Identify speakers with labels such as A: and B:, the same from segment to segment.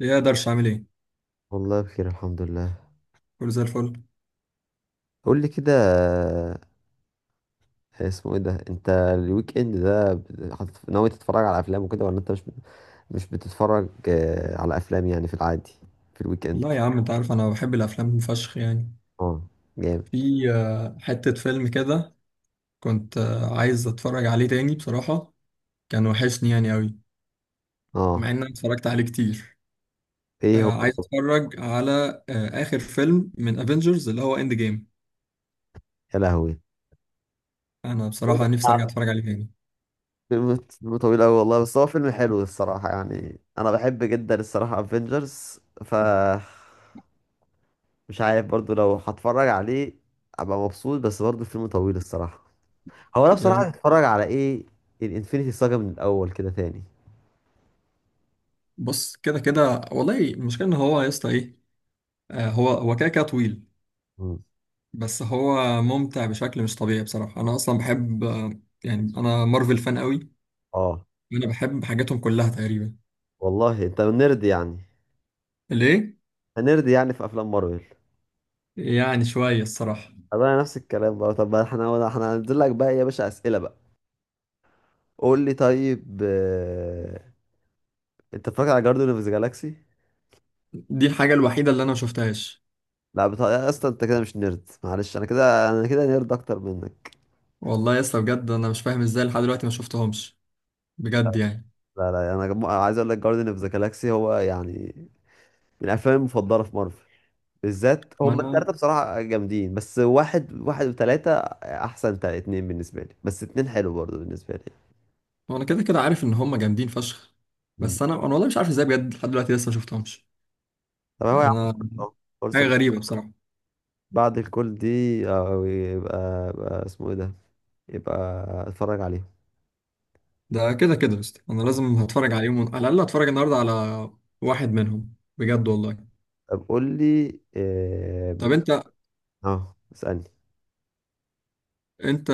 A: ايه اقدرش اعمل ايه؟
B: والله بخير الحمد لله.
A: كله زي الفل.
B: قول لي كده، اسمه ايه ده؟ انت الويك اند ده ناوي تتفرج على افلام وكده، ولا انت مش بتتفرج على افلام يعني في العادي في الويك اند؟
A: لا يا عم، انت عارف انا بحب الافلام فشخ يعني.
B: اه، جامد.
A: في حتة فيلم كده كنت عايز اتفرج عليه تاني بصراحة، كان وحشني يعني قوي،
B: اه،
A: مع ان انا اتفرجت عليه كتير.
B: ايه هو؟
A: عايز اتفرج على اخر فيلم من افنجرز اللي هو اند جيم.
B: يا لهوي،
A: انا
B: هو ده
A: بصراحة نفسي ارجع
B: الصعب.
A: اتفرج عليه تاني.
B: فيلم طويل قوي والله، بس هو فيلم حلو الصراحة، يعني انا بحب جدا الصراحة افنجرز. ف مش عارف برضو لو هتفرج عليه ابقى مبسوط، بس برضو فيلم طويل الصراحة. هو انا
A: يا
B: بصراحه
A: ابني،
B: هتتفرج على ايه؟ الانفينيتي ساجا من الاول كده تاني؟
A: بص كده كده والله المشكلة ان هو يا اسطى ايه. هو كده كده طويل،
B: مم.
A: بس هو ممتع بشكل مش طبيعي بصراحة. انا اصلا بحب يعني انا مارفل فان قوي،
B: اه.
A: انا بحب حاجاتهم كلها تقريبا.
B: والله انت نرد يعني.
A: ليه؟
B: هنرد يعني في افلام مارفل.
A: يعني شويه الصراحه.
B: طب انا نفس الكلام بقى، طب احنا هننزل لك بقى يا باشا اسئله بقى. قول لي طيب، انت اتفرجت على جاردن اوف ذا جالاكسي؟
A: دي الحاجه الوحيده اللي انا ما شفتهاش.
B: لا بتا... يا اسطى انت كده مش نرد، معلش انا كده، انا كده نرد اكتر منك.
A: والله يا اسطى بجد انا مش فاهم ازاي لحد دلوقتي ما شفتهمش، بجد
B: لا،
A: يعني.
B: لا، لا، انا عايز اقول لك جاردن اوف ذا جالاكسي هو يعني من الافلام المفضله في مارفل، بالذات
A: ما
B: هم
A: انا
B: التلاتة بصراحة جامدين، بس واحد واحد وتلاتة أحسن. اتنين بالنسبة لي، بس اتنين حلو برضه بالنسبة لي.
A: ما انا كده كده عارف ان هم جامدين فشخ،
B: مم.
A: بس انا والله مش عارف ازاي بجد لحد دلوقتي لسه ما شفتهمش.
B: طب هو يا عم
A: انا
B: فرصة،
A: حاجه
B: فرصة
A: غريبه بصراحه.
B: بعد الكل دي، يبقى اسمه ايه ده، يبقى اتفرج عليهم.
A: ده كده كده يا اسطى، انا لازم هتفرج عليهم، على الاقل هتفرج النهارده على واحد منهم بجد والله.
B: طب قول لي اه،
A: طب انت
B: اسألني.
A: انت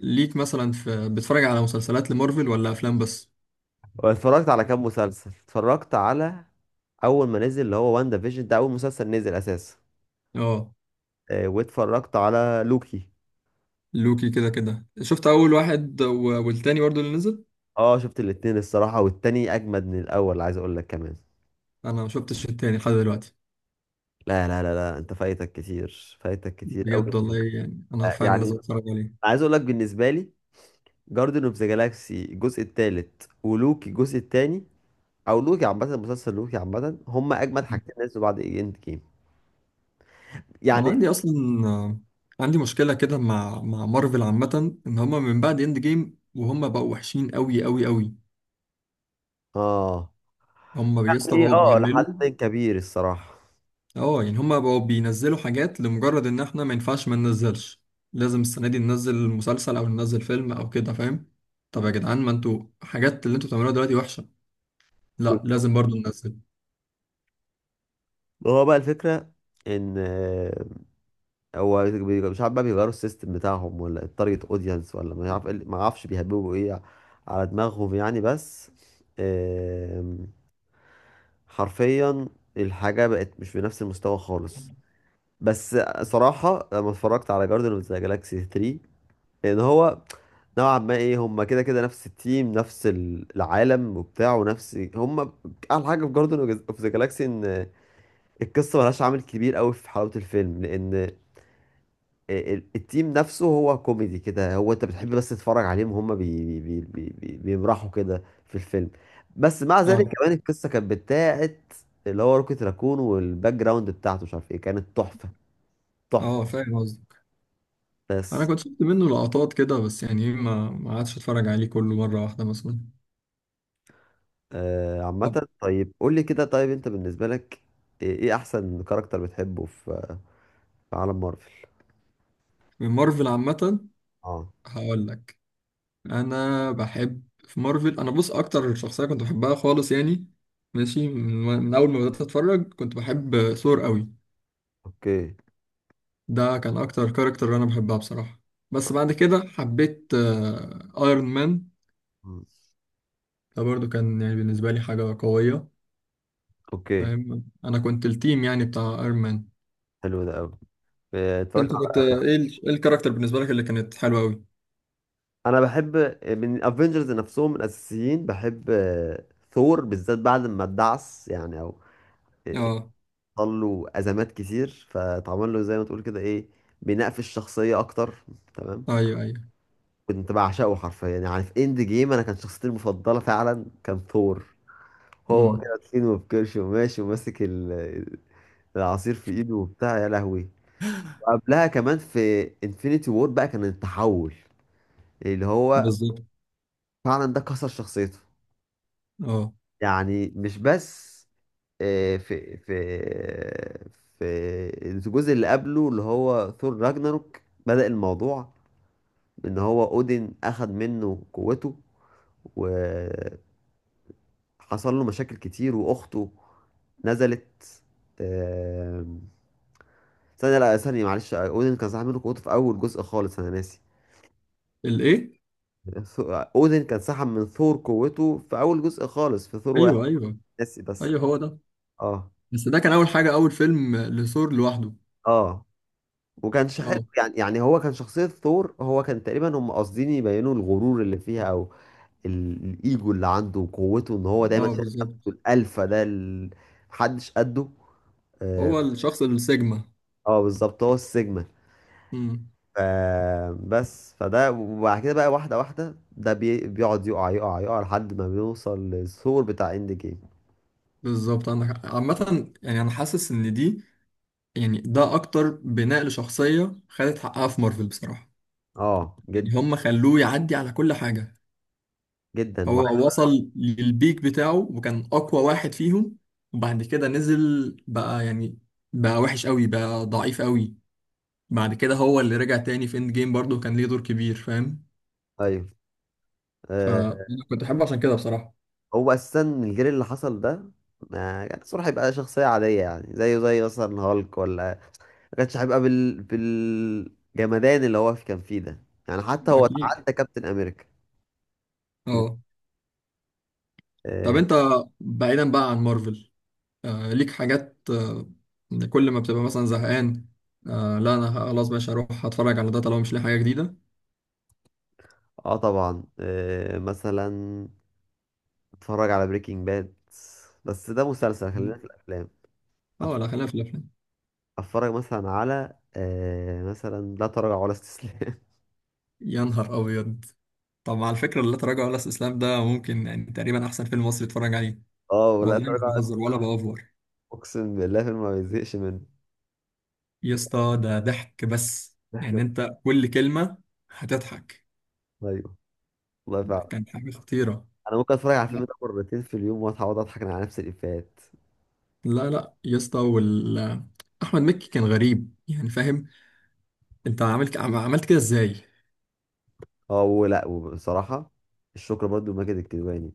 A: ليك مثلا، في بتتفرج على مسلسلات لمارفل ولا افلام بس؟
B: هو اتفرجت على كام مسلسل؟ اتفرجت على أول ما نزل اللي هو وان ديفيجن، ده أول مسلسل نزل أساسا،
A: اه.
B: واتفرجت على لوكي.
A: لوكي كده كده شفت اول واحد والتاني برضه اللي نزل.
B: اه، شفت الاتنين الصراحة، والتاني أجمد من الأول عايز أقول لك كمان.
A: انا ما شفتش التاني لحد دلوقتي
B: لا، لا، لا، لا، أنت فايتك كتير، فايتك كتير أوي.
A: بجد والله، يعني انا فعلا
B: يعني
A: لازم اتفرج عليه.
B: عايز أقول لك بالنسبة لي، جاردن اوف ذا جالاكسي الجزء التالت ولوكي الجزء التاني، أو لوكي عامة، مسلسل لوكي عامة، هما أجمد
A: مم.
B: حاجتين نزلوا بعد إند جيم
A: انا
B: يعني.
A: عندي اصلا آه، عندي مشكله كده مع مارفل عامه، ان هم من بعد اند جيم وهم بقوا وحشين قوي قوي قوي.
B: اه.
A: هم بيسطا
B: يعني
A: بقوا
B: اه
A: بيعملوا.
B: لحد كبير الصراحة.
A: اه، يعني هم بقوا بينزلوا حاجات لمجرد ان احنا ما ينفعش ما ننزلش، لازم السنه دي ننزل مسلسل او ننزل فيلم او كده، فاهم؟ طب يا جدعان، ما انتوا حاجات اللي انتوا بتعملوها دلوقتي وحشه، لا لازم برضو ننزل.
B: هو بقى الفكرة إن هو، مش عارف بقى، بيغيروا السيستم بتاعهم ولا التارجت اودينس، ولا مش عارف إيه ما اعرفش بيهببوا ايه على دماغهم يعني. بس آم، حرفيا الحاجة بقت مش بنفس المستوى خالص. بس صراحة لما اتفرجت على جاردن اوف ذا جالاكسي 3، ان هو نوعا ما ايه، هم كده كده نفس التيم، نفس العالم وبتاع، ونفس هم. احلى حاجة في جاردن اوف ذا جالاكسي ان القصة ملهاش عامل كبير قوي في حلاوة الفيلم، لان التيم نفسه هو كوميدي كده، هو انت بتحب بس تتفرج عليهم وهم بي بي بي بي بيمرحوا كده في الفيلم. بس مع ذلك
A: اه
B: كمان القصه كانت بتاعت اللي هو روكيت راكون، والباك جراوند بتاعته مش عارف ايه، كانت تحفه، تحفه.
A: اه، فاهم قصدك. انا
B: بس
A: كنت شفت منه لقطات كده، بس يعني إيه، ما عادش اتفرج عليه كله مره واحده مثلا.
B: آه
A: طب
B: عامه، طيب قول لي كده، طيب انت بالنسبه لك ايه، احسن كاركتر بتحبه في في عالم مارفل؟
A: من مارفل عامه،
B: اه،
A: هقول لك. انا بحب في مارفل، انا بص اكتر شخصيه كنت بحبها خالص يعني، ماشي. من اول ما بدات اتفرج كنت بحب ثور قوي،
B: اوكي.
A: ده كان اكتر كاركتر انا بحبها بصراحه. بس بعد كده حبيت ايرون مان،
B: مم.
A: ده برضو كان يعني بالنسبه لي حاجه قويه،
B: اوكي،
A: فاهم؟ انا كنت التيم يعني بتاع ايرون مان.
B: حلو ده قوي. اتفرجت.
A: انت كنت ايه ايه الكاركتر بالنسبه لك اللي كانت حلوه قوي؟
B: انا بحب من الافنجرز نفسهم الاساسيين، بحب ثور بالذات، بعد ما اتدعس يعني، او
A: اه،
B: حصل له ازمات كتير فاتعمل له زي ما تقول كده ايه، بناء في الشخصيه اكتر. تمام.
A: ايوه ايوه،
B: كنت بعشقه حرفيا، يعني في اند جيم انا كان شخصيتي المفضله فعلا كان ثور، هو
A: امم
B: كده تخين وبكرش وماشي وماسك العصير في ايده وبتاع، يا لهوي. وقبلها كمان في انفينيتي وور بقى، كان التحول اللي هو
A: بالظبط.
B: فعلا ده كسر شخصيته.
A: اه،
B: يعني مش بس آه، في في في الجزء اللي قبله اللي هو ثور راجناروك، بدأ الموضوع بإن هو أودين أخد منه قوته، وحصل له مشاكل كتير، وأخته نزلت. آم، ثانية، لا ثانية، معلش، أودين كان سحب منه قوته في أول جزء خالص، أنا ناسي.
A: الايه.
B: أودين كان سحب من ثور قوته في أول جزء خالص في ثور واحد،
A: ايوه ايوه
B: ناسي بس.
A: ايوه، هو ده.
B: اه،
A: بس ده كان اول حاجه، اول فيلم لثور لوحده.
B: اه. وكانش حلو
A: اه
B: يعني، يعني هو كان شخصية ثور، هو كان تقريبا هم قاصدين يبينوا الغرور اللي فيها، او الايجو اللي عنده وقوته، ان هو دايما
A: اه،
B: شايف نفسه
A: بالظبط.
B: الالفا، ده محدش قده. اه.
A: هو الشخص السيجما.
B: آه، بالظبط، هو السيجما.
A: امم.
B: ف- بس فده، وبعد كده بقى واحدة واحدة، ده بيقعد يقع يقع يقع لحد ما بيوصل للثور بتاع اند جيم.
A: بالظبط عندك حق. عامه يعني انا حاسس ان دي، يعني ده اكتر بناء لشخصيه خدت حقها في مارفل بصراحه.
B: اه،
A: يعني
B: جدا،
A: هم خلوه يعدي على كل حاجه.
B: جدا
A: هو وصل للبيك بتاعه وكان أقوى واحد فيهم، وبعد كده نزل بقى يعني، بقى وحش قوي، بقى ضعيف قوي. بعد كده هو اللي رجع تاني في اند جيم، برضه كان ليه دور كبير، فاهم؟
B: ايوه.
A: فأنا
B: آه،
A: كنت أحبه عشان كده بصراحة.
B: هو اساسا الجيل اللي حصل ده ما كان الصراحة يبقى شخصية عادية، يعني زيه زي مثلا هالك، ولا كانش هيبقى بالجمدان اللي هو كان فيه ده، يعني حتى هو
A: أكيد.
B: تعدى كابتن امريكا.
A: أه. طب
B: اه.
A: أنت، بعيدا بقى عن مارفل، ليك حاجات كل ما بتبقى مثلا زهقان، لا أنا خلاص بقى هروح أتفرج على ده طالما مش لاقي حاجة جديدة؟
B: آه طبعا. مثلا اتفرج على بريكنج باد، بس ده مسلسل، خلينا في الافلام. أتف-
A: أه لا، خلينا في الأفلام.
B: اتفرج مثلا على مثلا لا تراجع ولا استسلام.
A: يا نهار أبيض. طب على فكرة، لا تراجع ولا استسلام ده ممكن يعني تقريبا أحسن فيلم مصري اتفرج عليه.
B: اه، ولا
A: والله مش
B: تراجع ولا
A: بهزر ولا
B: استسلام،
A: بأوفر.
B: اقسم بالله الفيلم ما بيزهقش منه.
A: يا اسطى ده ضحك، بس يعني
B: ضحك.
A: أنت كل كلمة هتضحك،
B: ايوه، والله فعلا
A: كان حاجة خطيرة.
B: انا ممكن اتفرج على الفيلم
A: لا
B: ده مرتين في اليوم واصحى اقعد اضحك على نفس الافيهات.
A: لا لا يا اسطى، أحمد مكي كان غريب يعني، فاهم؟ أنت عملت كده إزاي؟
B: اه، ولا، وبصراحه الشكر برضو لماجد الكدواني.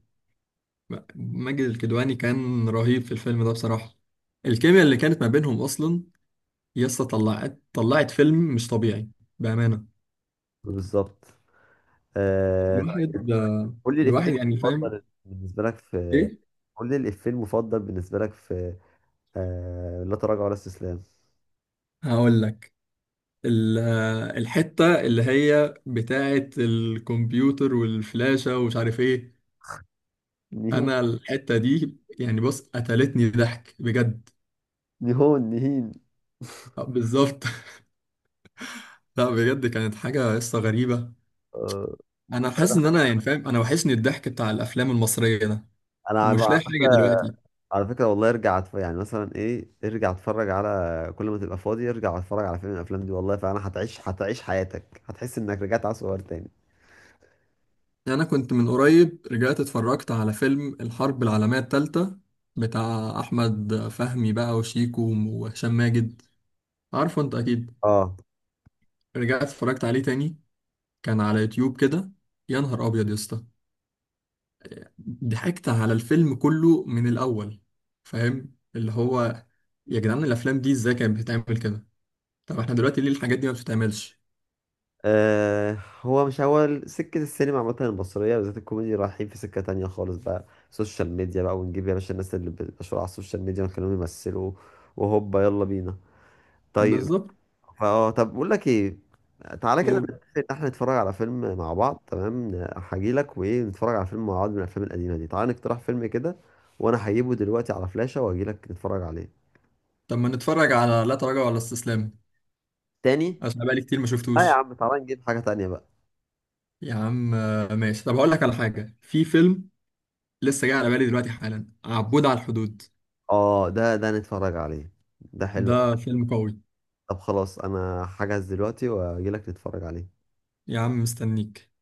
A: ماجد الكدواني كان رهيب في الفيلم ده بصراحة، الكيمياء اللي كانت ما بينهم أصلا. يا اسطى طلعت فيلم مش طبيعي، بأمانة.
B: بالظبط. آه طيب،
A: الواحد
B: قول لي الإفيه
A: الواحد يعني فاهم
B: المفضل بالنسبة لك في
A: إيه؟
B: قول لي الإفيه المفضل بالنسبة لك في لا تراجع ولا استسلام.
A: هقول لك. ال- الحتة اللي هي بتاعة الكمبيوتر والفلاشة ومش عارف ايه،
B: نيهون،
A: انا الحتة دي يعني بص قتلتني ضحك بجد.
B: نيهون نهين.
A: بالظبط. لا بجد، كانت حاجة قصة غريبة.
B: آه،
A: انا حاسس ان انا يعني فاهم، انا وحشني الضحك بتاع الافلام المصرية ده،
B: أنا
A: ومش
B: على
A: لاقي
B: فكرة،
A: حاجة دلوقتي.
B: والله ارجع يعني مثلا إيه، ارجع اتفرج على، كل ما تبقى فاضي ارجع اتفرج على فيلم من الأفلام دي والله، فأنا هتعيش حياتك، هتحس إنك رجعت على صغير تاني.
A: انا كنت من قريب رجعت اتفرجت على فيلم الحرب العالمية التالتة بتاع احمد فهمي بقى وشيكو وهشام ماجد، عارفه انت اكيد.
B: اه.
A: رجعت اتفرجت عليه تاني، كان على يوتيوب كده. يا نهار ابيض يا اسطى، ضحكت على الفيلم كله من الاول. فاهم اللي هو، يا جدعان الافلام دي ازاي كانت بتتعمل كده؟ طب احنا دلوقتي ليه الحاجات دي ما بتتعملش؟
B: آه، هو مش، هو سكة السينما عامة المصرية بالذات الكوميدي رايحين في سكة تانية خالص بقى، سوشيال ميديا بقى، ونجيب يا باشا الناس اللي بتشهر على السوشيال ميديا ونخليهم يمثلوا، وهوبا يلا بينا. طيب.
A: بالظبط.
B: طب بقول لك ايه، تعالى كده
A: نقول.
B: نتفق ان احنا نتفرج على فيلم مع بعض، تمام هجيلك وايه، نتفرج على فيلم مع بعض من الافلام القديمة دي، تعالى نقترح فيلم كده، وانا هجيبه دلوقتي على فلاشة واجيلك نتفرج عليه.
A: طب ما نتفرج على لا تراجع ولا استسلام،
B: تاني.
A: عشان بقالي كتير ما
B: اه يا
A: شفتوش.
B: عم، تعالى نجيب حاجة تانية بقى.
A: يا عم ماشي. طب هقول لك على حاجه، في فيلم لسه جاي على بالي دلوقتي حالا، عبود على الحدود.
B: اه، ده نتفرج عليه، ده حلو.
A: ده فيلم قوي.
B: طب خلاص انا هحجز دلوقتي واجيلك تتفرج عليه
A: يا عم، مستنيك.